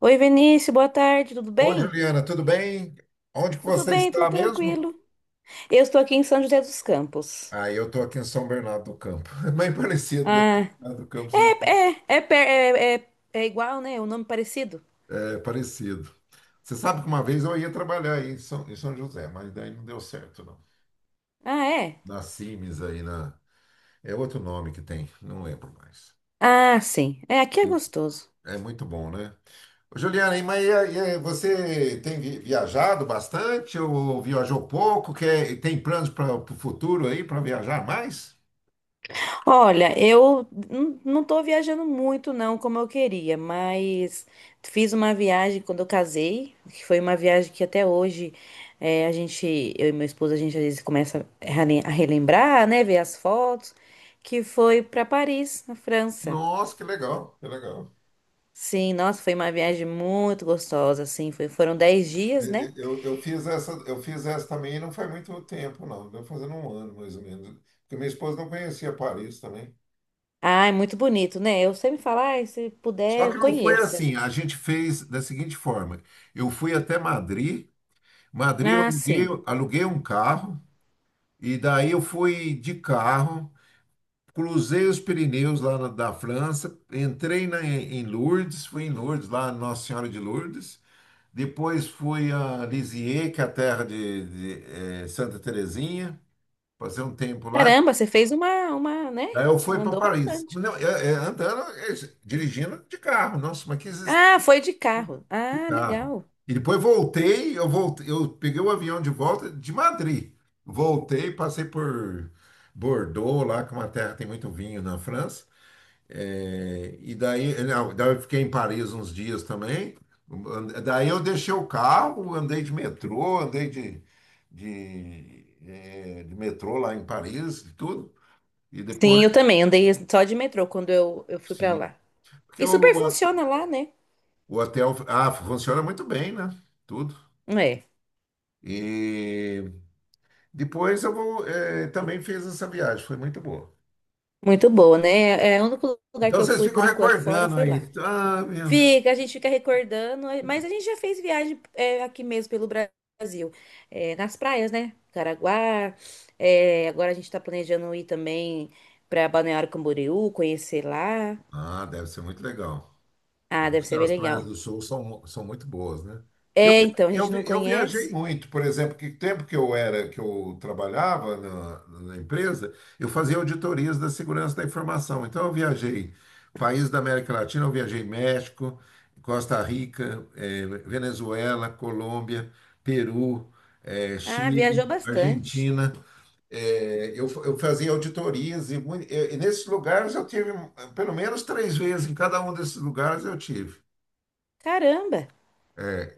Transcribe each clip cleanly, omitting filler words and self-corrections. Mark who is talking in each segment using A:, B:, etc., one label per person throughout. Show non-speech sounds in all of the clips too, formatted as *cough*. A: Oi, Vinícius, boa tarde, tudo
B: Oi,
A: bem?
B: Juliana, tudo bem? Onde que
A: Tudo
B: você
A: bem, tudo
B: está mesmo?
A: tranquilo. Eu estou aqui em São José dos Campos.
B: Ah, eu estou aqui em São Bernardo do Campo. *laughs* Bem parecido, né?
A: Ah,
B: Bernardo do Campo
A: é, é igual, né? O nome parecido?
B: é parecido. Você sabe que uma vez eu ia trabalhar aí em São José, mas daí não deu certo, não.
A: Ah, é?
B: Na Cimes aí na. É outro nome que tem, não lembro mais.
A: Ah, sim. É, aqui é gostoso.
B: É muito bom, né? Ô, Juliana, mas e aí, você tem viajado bastante ou viajou pouco? Tem planos para o futuro aí para viajar mais?
A: Olha, não estou viajando muito, não, como eu queria, mas fiz uma viagem quando eu casei, que foi uma viagem que até hoje a gente, eu e meu esposo, a gente às vezes começa a relembrar, né, ver as fotos, que foi para Paris, na França.
B: Nossa, que legal, que legal.
A: Sim, nossa, foi uma viagem muito gostosa, assim, foram 10 dias, né?
B: Eu fiz essa também e não faz muito tempo, não. Deu fazendo um ano, mais ou menos. Porque minha esposa não conhecia Paris também.
A: Ah, é muito bonito, né? Eu sempre falo, ai, se
B: Só que
A: puder,
B: não foi
A: conheça.
B: assim. A gente fez da seguinte forma. Eu fui até Madrid. Madrid eu
A: Ah,
B: aluguei,
A: sim.
B: aluguei um carro. E daí eu fui de carro. Cruzei os Pirineus lá da França. Entrei em Lourdes. Fui em Lourdes, lá Nossa Senhora de Lourdes. Depois fui a Lisieux, que é a terra de Santa Terezinha. Fazer um tempo lá.
A: Caramba, você fez uma, né?
B: Daí eu fui para
A: Mandou
B: Paris.
A: bastante.
B: Não, andando, dirigindo de carro. Nossa, mas que existência
A: Ah, foi de carro.
B: de
A: Ah,
B: carro.
A: legal.
B: E depois voltei, eu peguei o avião de volta de Madrid. Voltei, passei por Bordeaux, lá que é uma terra que tem muito vinho na França. E daí, não, daí eu fiquei em Paris uns dias também. Daí eu deixei o carro, andei de metrô, andei de metrô lá em Paris e tudo. E depois.
A: Sim, eu também andei só de metrô quando eu fui pra
B: Sim.
A: lá.
B: Porque
A: E super
B: o,
A: funciona lá, né?
B: o hotel funciona muito bem, né? Tudo.
A: É,
B: E depois também fiz essa viagem, foi muito boa.
A: muito boa, né? É, é, o único lugar
B: Então
A: que eu
B: vocês
A: fui
B: ficam
A: por enquanto fora
B: recordando
A: foi lá.
B: aí. Ah, meu.
A: Fica, a gente fica recordando, é, mas a gente já fez viagem é, aqui mesmo pelo Brasil. É, nas praias, né? Caraguá. É, agora a gente tá planejando ir também pra Balneário Camboriú, conhecer lá.
B: Ah, deve ser muito legal.
A: Ah, deve ser bem
B: As praias
A: legal.
B: do Sul são muito boas, né? Eu,
A: É, então, a
B: eu,
A: gente
B: vi-
A: não
B: eu viajei
A: conhece.
B: muito, por exemplo, que tempo que eu era, que eu trabalhava na empresa. Eu fazia auditorias da segurança da informação. Então eu viajei países da América Latina, eu viajei México, Costa Rica, Venezuela, Colômbia, Peru,
A: Ah,
B: Chile,
A: viajou bastante.
B: Argentina. Eu fazia auditorias e nesses lugares eu tive pelo menos três vezes em cada um desses lugares eu tive.
A: Caramba!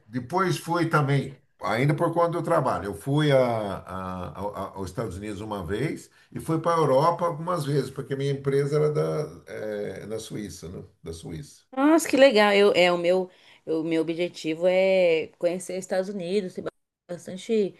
B: Depois fui também, ainda por conta do trabalho. Eu fui aos Estados Unidos uma vez e fui para a Europa algumas vezes, porque minha empresa na Suíça, né? Da Suíça.
A: Nossa, que legal. O meu objetivo é conhecer os Estados Unidos. Tem bastante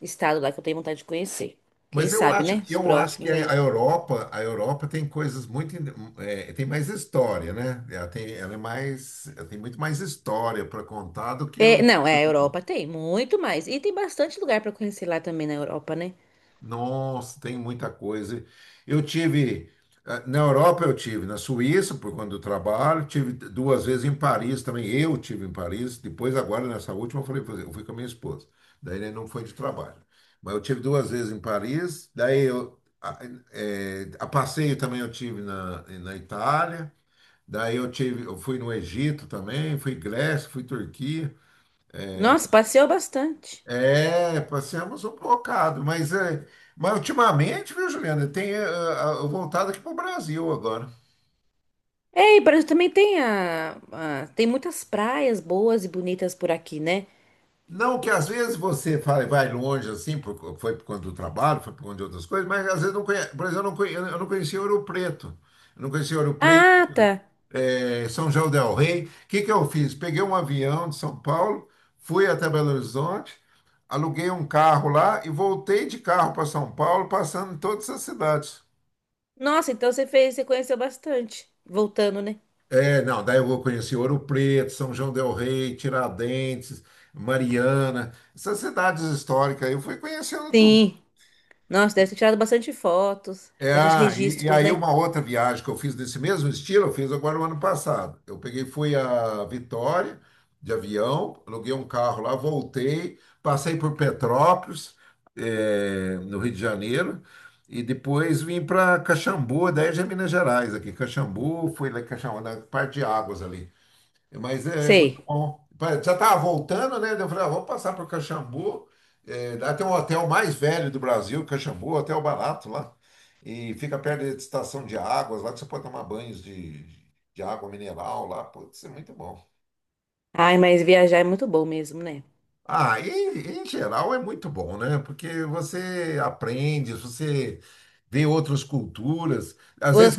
A: estado lá que eu tenho vontade de conhecer. Quem
B: Mas eu
A: sabe,
B: acho,
A: né? Os
B: eu acho que
A: próximos
B: a
A: aí.
B: a Europa, a Europa tem coisas muito, tem mais história, né? Ela tem muito mais história para contar do que
A: É,
B: os.
A: não, é, a Europa tem muito mais. E tem bastante lugar pra conhecer lá também na Europa, né?
B: Nossa, tem muita coisa. Eu tive, Na Europa eu tive, na Suíça, por conta do trabalho, tive duas vezes em Paris também, eu tive em Paris, depois agora nessa última eu falei: "Pois é, eu fui com a minha esposa, daí, né, não foi de trabalho." Mas eu tive duas vezes em Paris, daí a passeio também eu tive na Itália, daí eu fui no Egito também, fui Grécia, fui Turquia,
A: Nossa, passeou bastante.
B: é, passamos um bocado, mas, ultimamente, viu, Juliana, tem voltado aqui para o Brasil agora.
A: É, e parece que também tem muitas praias boas e bonitas por aqui, né?
B: Não que às vezes você vai longe assim, foi por conta do trabalho, foi por conta de outras coisas, mas às vezes não conhece, por exemplo, eu não conhecia Ouro Preto, eu não conhecia Ouro Preto,
A: Ah, tá.
B: São João del Rei. O que que eu fiz? Peguei um avião de São Paulo, fui até Belo Horizonte, aluguei um carro lá e voltei de carro para São Paulo, passando em todas as cidades.
A: Nossa, então você fez, você conheceu bastante. Voltando, né?
B: Não, daí eu conheci Ouro Preto, São João del Rei, Tiradentes, Mariana, essas cidades históricas, aí eu fui conhecendo tudo.
A: Sim. Nossa, deve ter tirado bastante fotos, bastante
B: E
A: registros,
B: aí
A: né?
B: uma outra viagem que eu fiz desse mesmo estilo, eu fiz agora o ano passado. Fui a Vitória de avião, aluguei um carro lá, voltei, passei por Petrópolis, no Rio de Janeiro, e depois vim para Caxambu, daí já é Minas Gerais aqui, Caxambu, fui lá em Caxambu, na parte de águas ali. Mas é muito
A: Sei.
B: bom. Já estava voltando, né? Daí eu falei: ah, vamos passar para o Caxambu. Lá tem um hotel mais velho do Brasil, Caxambu, Hotel Barato lá. E fica perto da estação de águas, lá que você pode tomar banhos de água mineral lá. Putz, é muito bom.
A: Ai, mas viajar é muito bom mesmo, né?
B: Em geral é muito bom, né? Porque você aprende, você vê outras culturas. Às vezes
A: Outras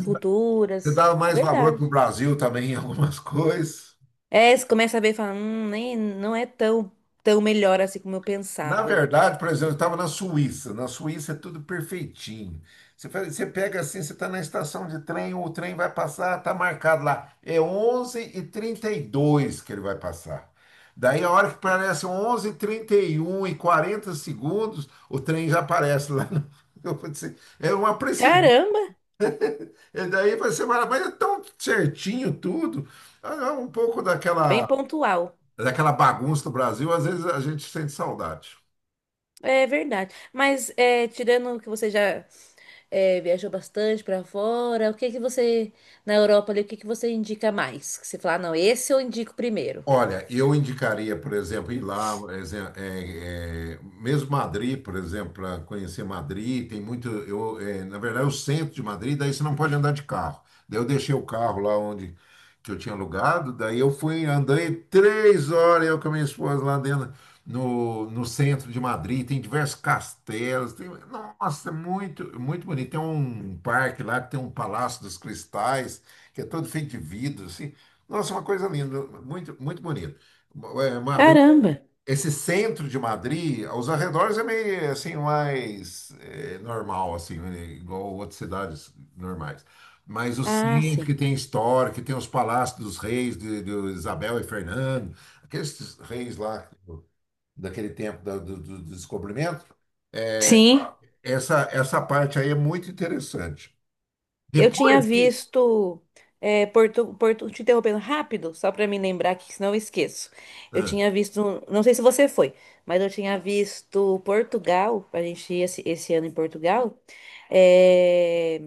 B: você
A: culturas.
B: dá
A: É
B: mais valor para o
A: verdade.
B: Brasil também em algumas *laughs* coisas.
A: É, você começa a ver e fala, nem, não é tão, tão melhor assim como eu
B: Na
A: pensava.
B: verdade, por exemplo, eu estava na Suíça. Na Suíça é tudo perfeitinho. Você pega assim, você está na estação de trem, o trem vai passar, está marcado lá. É 11h32 que ele vai passar. Daí, a hora que parece 11h31 e 40 segundos, o trem já aparece lá. *laughs* Eu falei assim: é uma precisão.
A: Caramba,
B: E daí você fala: mas é tão certinho tudo. Ah, é um pouco
A: bem
B: daquela,
A: pontual.
B: daquela bagunça do Brasil, às vezes a gente sente saudade.
A: É verdade. Mas é, tirando que você já é, viajou bastante pra fora, o que que você, na Europa ali, o que que você indica mais? Que você fala, "Ah, não, esse eu indico primeiro."
B: Olha, eu indicaria, por exemplo, ir lá, mesmo Madrid, por exemplo, para conhecer Madrid, tem muito. Na verdade, o centro de Madrid, daí você não pode andar de carro. Daí eu deixei o carro lá onde que eu tinha alugado, daí andei 3 horas, eu com a minha esposa lá dentro, no centro de Madrid, tem diversos castelos, tem, nossa, é muito, muito bonito. Tem um parque lá que tem um Palácio dos Cristais, que é todo feito de vidro, assim, nossa, uma coisa linda, muito, muito bonito. Madrid,
A: Caramba.
B: esse centro de Madrid, aos arredores é meio assim, mais normal, assim, né, igual outras cidades normais. Mas o
A: Ah,
B: centro
A: sim.
B: que tem história, que tem os palácios dos reis, de Isabel e Fernando, aqueles reis lá daquele tempo do descobrimento,
A: Sim,
B: essa parte aí é muito interessante.
A: eu tinha
B: Depois que.
A: visto. É, Porto, Porto, te interrompendo rápido, só para me lembrar que senão eu esqueço. Eu tinha visto, um, não sei se você foi, mas eu tinha visto Portugal, a gente ir esse ano em Portugal. É,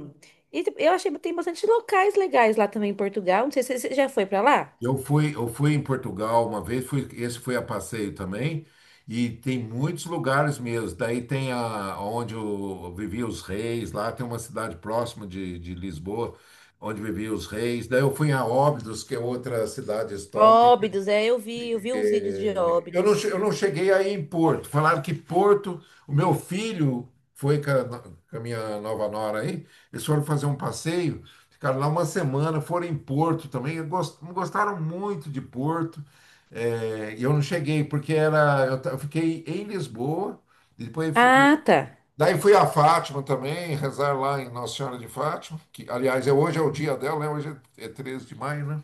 A: e eu achei que tem bastante locais legais lá também em Portugal. Não sei se você já foi para lá.
B: Eu fui em Portugal uma vez, esse foi a passeio também, e tem muitos lugares mesmo. Daí tem onde eu vivia os reis, lá tem uma cidade próxima de Lisboa, onde viviam os reis. Daí eu fui a Óbidos, que é outra cidade.
A: Óbidos, é, eu vi uns vídeos de
B: eu não, che-
A: Óbidos.
B: eu não cheguei aí em Porto. Falaram que Porto, o meu filho foi com a, no- com a minha nova nora aí, eles foram fazer um passeio, ficaram lá uma semana, foram em Porto também, e gostaram muito de Porto. É, e eu não cheguei, porque eu fiquei em Lisboa, e depois
A: Ah, tá.
B: daí fui a Fátima também, rezar lá em Nossa Senhora de Fátima, que aliás hoje é o dia dela, né? Hoje é 13 de maio, né?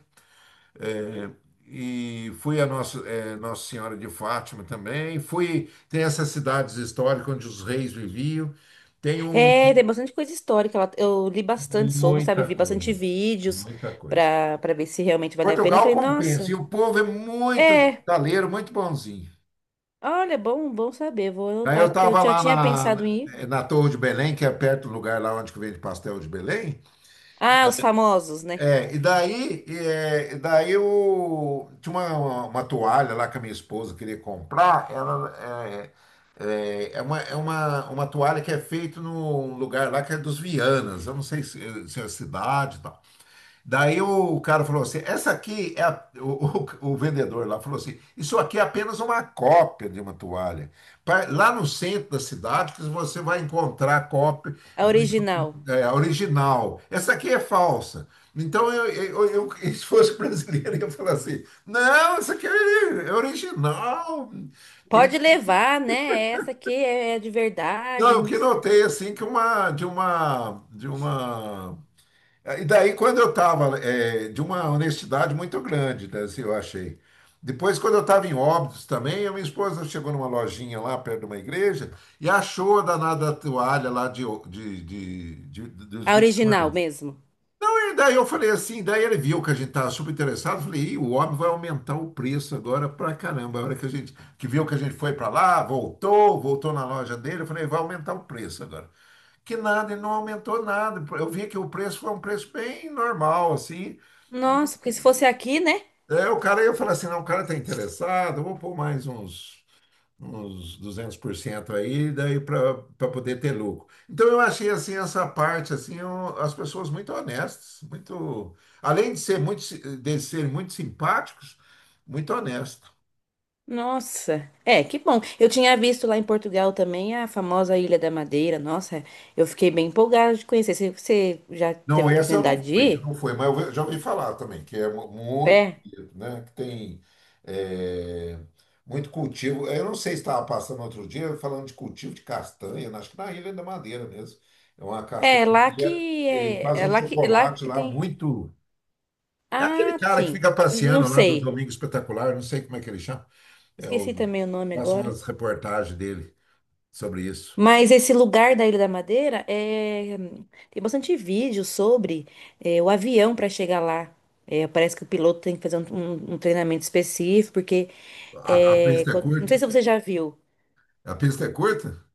B: É, e fui a Nossa Senhora de Fátima também. Tem essas cidades históricas onde os reis viviam. Tem um,
A: É, tem bastante coisa histórica lá. Eu li bastante sobre,
B: Muita
A: sabe? Vi bastante
B: coisa,
A: vídeos
B: muita coisa.
A: pra ver se realmente vale a pena. Eu
B: Portugal
A: falei,
B: compensa,
A: nossa,
B: e o povo é muito
A: é,
B: taleiro, muito bonzinho.
A: olha, bom, bom saber. Vou
B: Aí eu
A: anotar, porque eu
B: estava
A: já
B: lá
A: tinha pensado
B: na,
A: em ir.
B: na Torre de Belém, que é perto do lugar lá onde que vende pastel de Belém.
A: Ah, os famosos, né?
B: E daí eu tinha uma toalha lá que a minha esposa queria comprar. Ela é, é, é uma, é uma, uma toalha que é feita num lugar lá que é dos Vianas. Eu não sei se é a cidade e tal. Daí o cara falou assim: essa aqui é a-. O vendedor lá falou assim: isso aqui é apenas uma cópia de uma toalha. Lá no centro da cidade, que você vai encontrar cópia,
A: A original.
B: a original. Essa aqui é falsa. Então, *laughs* se fosse brasileiro, eu ia falar assim: não, essa aqui é original. Pri-
A: Pode levar, né? Essa aqui é, é de
B: Não, eu
A: verdade.
B: que notei assim que uma, de uma, de uma. E daí, quando eu estava, de uma honestidade muito grande, né, assim, eu achei. Depois, quando eu estava em Óbidos também, a minha esposa chegou numa lojinha lá perto de uma igreja e achou a danada toalha lá dos
A: A original
B: Vianas.
A: mesmo.
B: Daí eu falei assim, Daí ele viu que a gente estava super interessado, falei: ih, o homem vai aumentar o preço agora pra caramba. A hora que a gente que viu que a gente foi para lá, voltou, na loja dele, eu falei: vai aumentar o preço agora. Que nada, ele não aumentou nada. Eu vi que o preço foi um preço bem normal, assim.
A: Nossa, porque se fosse aqui, né?
B: Eu falei assim: não, o cara tá interessado, eu vou pôr mais uns 200% aí, daí para poder ter lucro. Então eu achei assim essa parte assim, as pessoas muito honestas, muito além de ser muito de serem muito simpáticos, muito honestas.
A: Nossa, é, que bom. Eu tinha visto lá em Portugal também a famosa Ilha da Madeira. Nossa, eu fiquei bem empolgada de conhecer. Você já
B: Não,
A: teve
B: essa eu não
A: oportunidade de
B: fui, eu
A: ir?
B: não fui, mas eu já ouvi falar também que é muito
A: É.
B: bonito, né? Que tem é, muito cultivo. Eu não sei se estava passando outro dia falando de cultivo de castanha, né? Acho que na Ilha da Madeira mesmo. É uma castanha
A: É lá
B: que
A: que
B: que
A: é,
B: faz um
A: é lá
B: chocolate
A: que
B: lá
A: tem.
B: muito. É aquele
A: Ah,
B: cara que
A: sim.
B: fica
A: Não
B: passeando lá do
A: sei.
B: Domingo Espetacular, não sei como é que ele chama. É
A: Esqueci
B: o-
A: também o nome
B: Faço
A: agora.
B: umas reportagens dele sobre isso.
A: Mas esse lugar da Ilha da Madeira é... tem bastante vídeo sobre é, o avião para chegar lá. É, parece que o piloto tem que fazer um, um treinamento específico, porque
B: A
A: é,
B: pista é
A: não sei
B: curta?
A: se você já viu.
B: A pista é curta?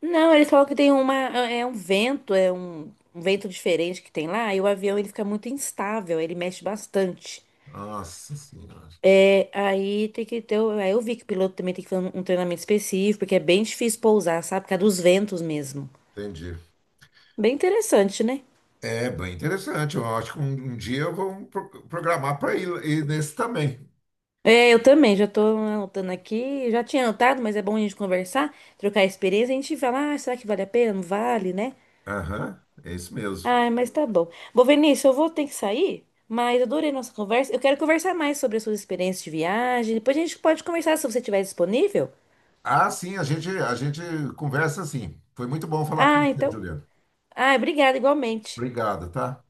A: Não, eles falam que tem uma é é um vento, é um, um vento diferente que tem lá, e o avião ele fica muito instável, ele mexe bastante.
B: Nossa Senhora,
A: É, aí tem que ter. Aí eu vi que o piloto também tem que fazer um treinamento específico, porque é bem difícil pousar, sabe? Por causa dos ventos mesmo.
B: entendi.
A: Bem interessante, né?
B: É bem interessante. Eu acho que um dia eu vou programar para ir, nesse também.
A: É, eu também, já tô anotando aqui. Já tinha anotado, mas é bom a gente conversar, trocar experiência. A gente fala, ah, será que vale a pena? Não vale, né?
B: Aham, é isso mesmo.
A: Ah, mas tá bom. Bom, Vinícius, eu vou ter que sair, mas adorei nossa conversa. Eu quero conversar mais sobre as suas experiências de viagem. Depois a gente pode conversar se você estiver disponível.
B: Ah, sim, a gente conversa assim. Foi muito bom falar com
A: Ah,
B: você,
A: então.
B: Juliano.
A: Ah, obrigada, igualmente.
B: Obrigado, tá?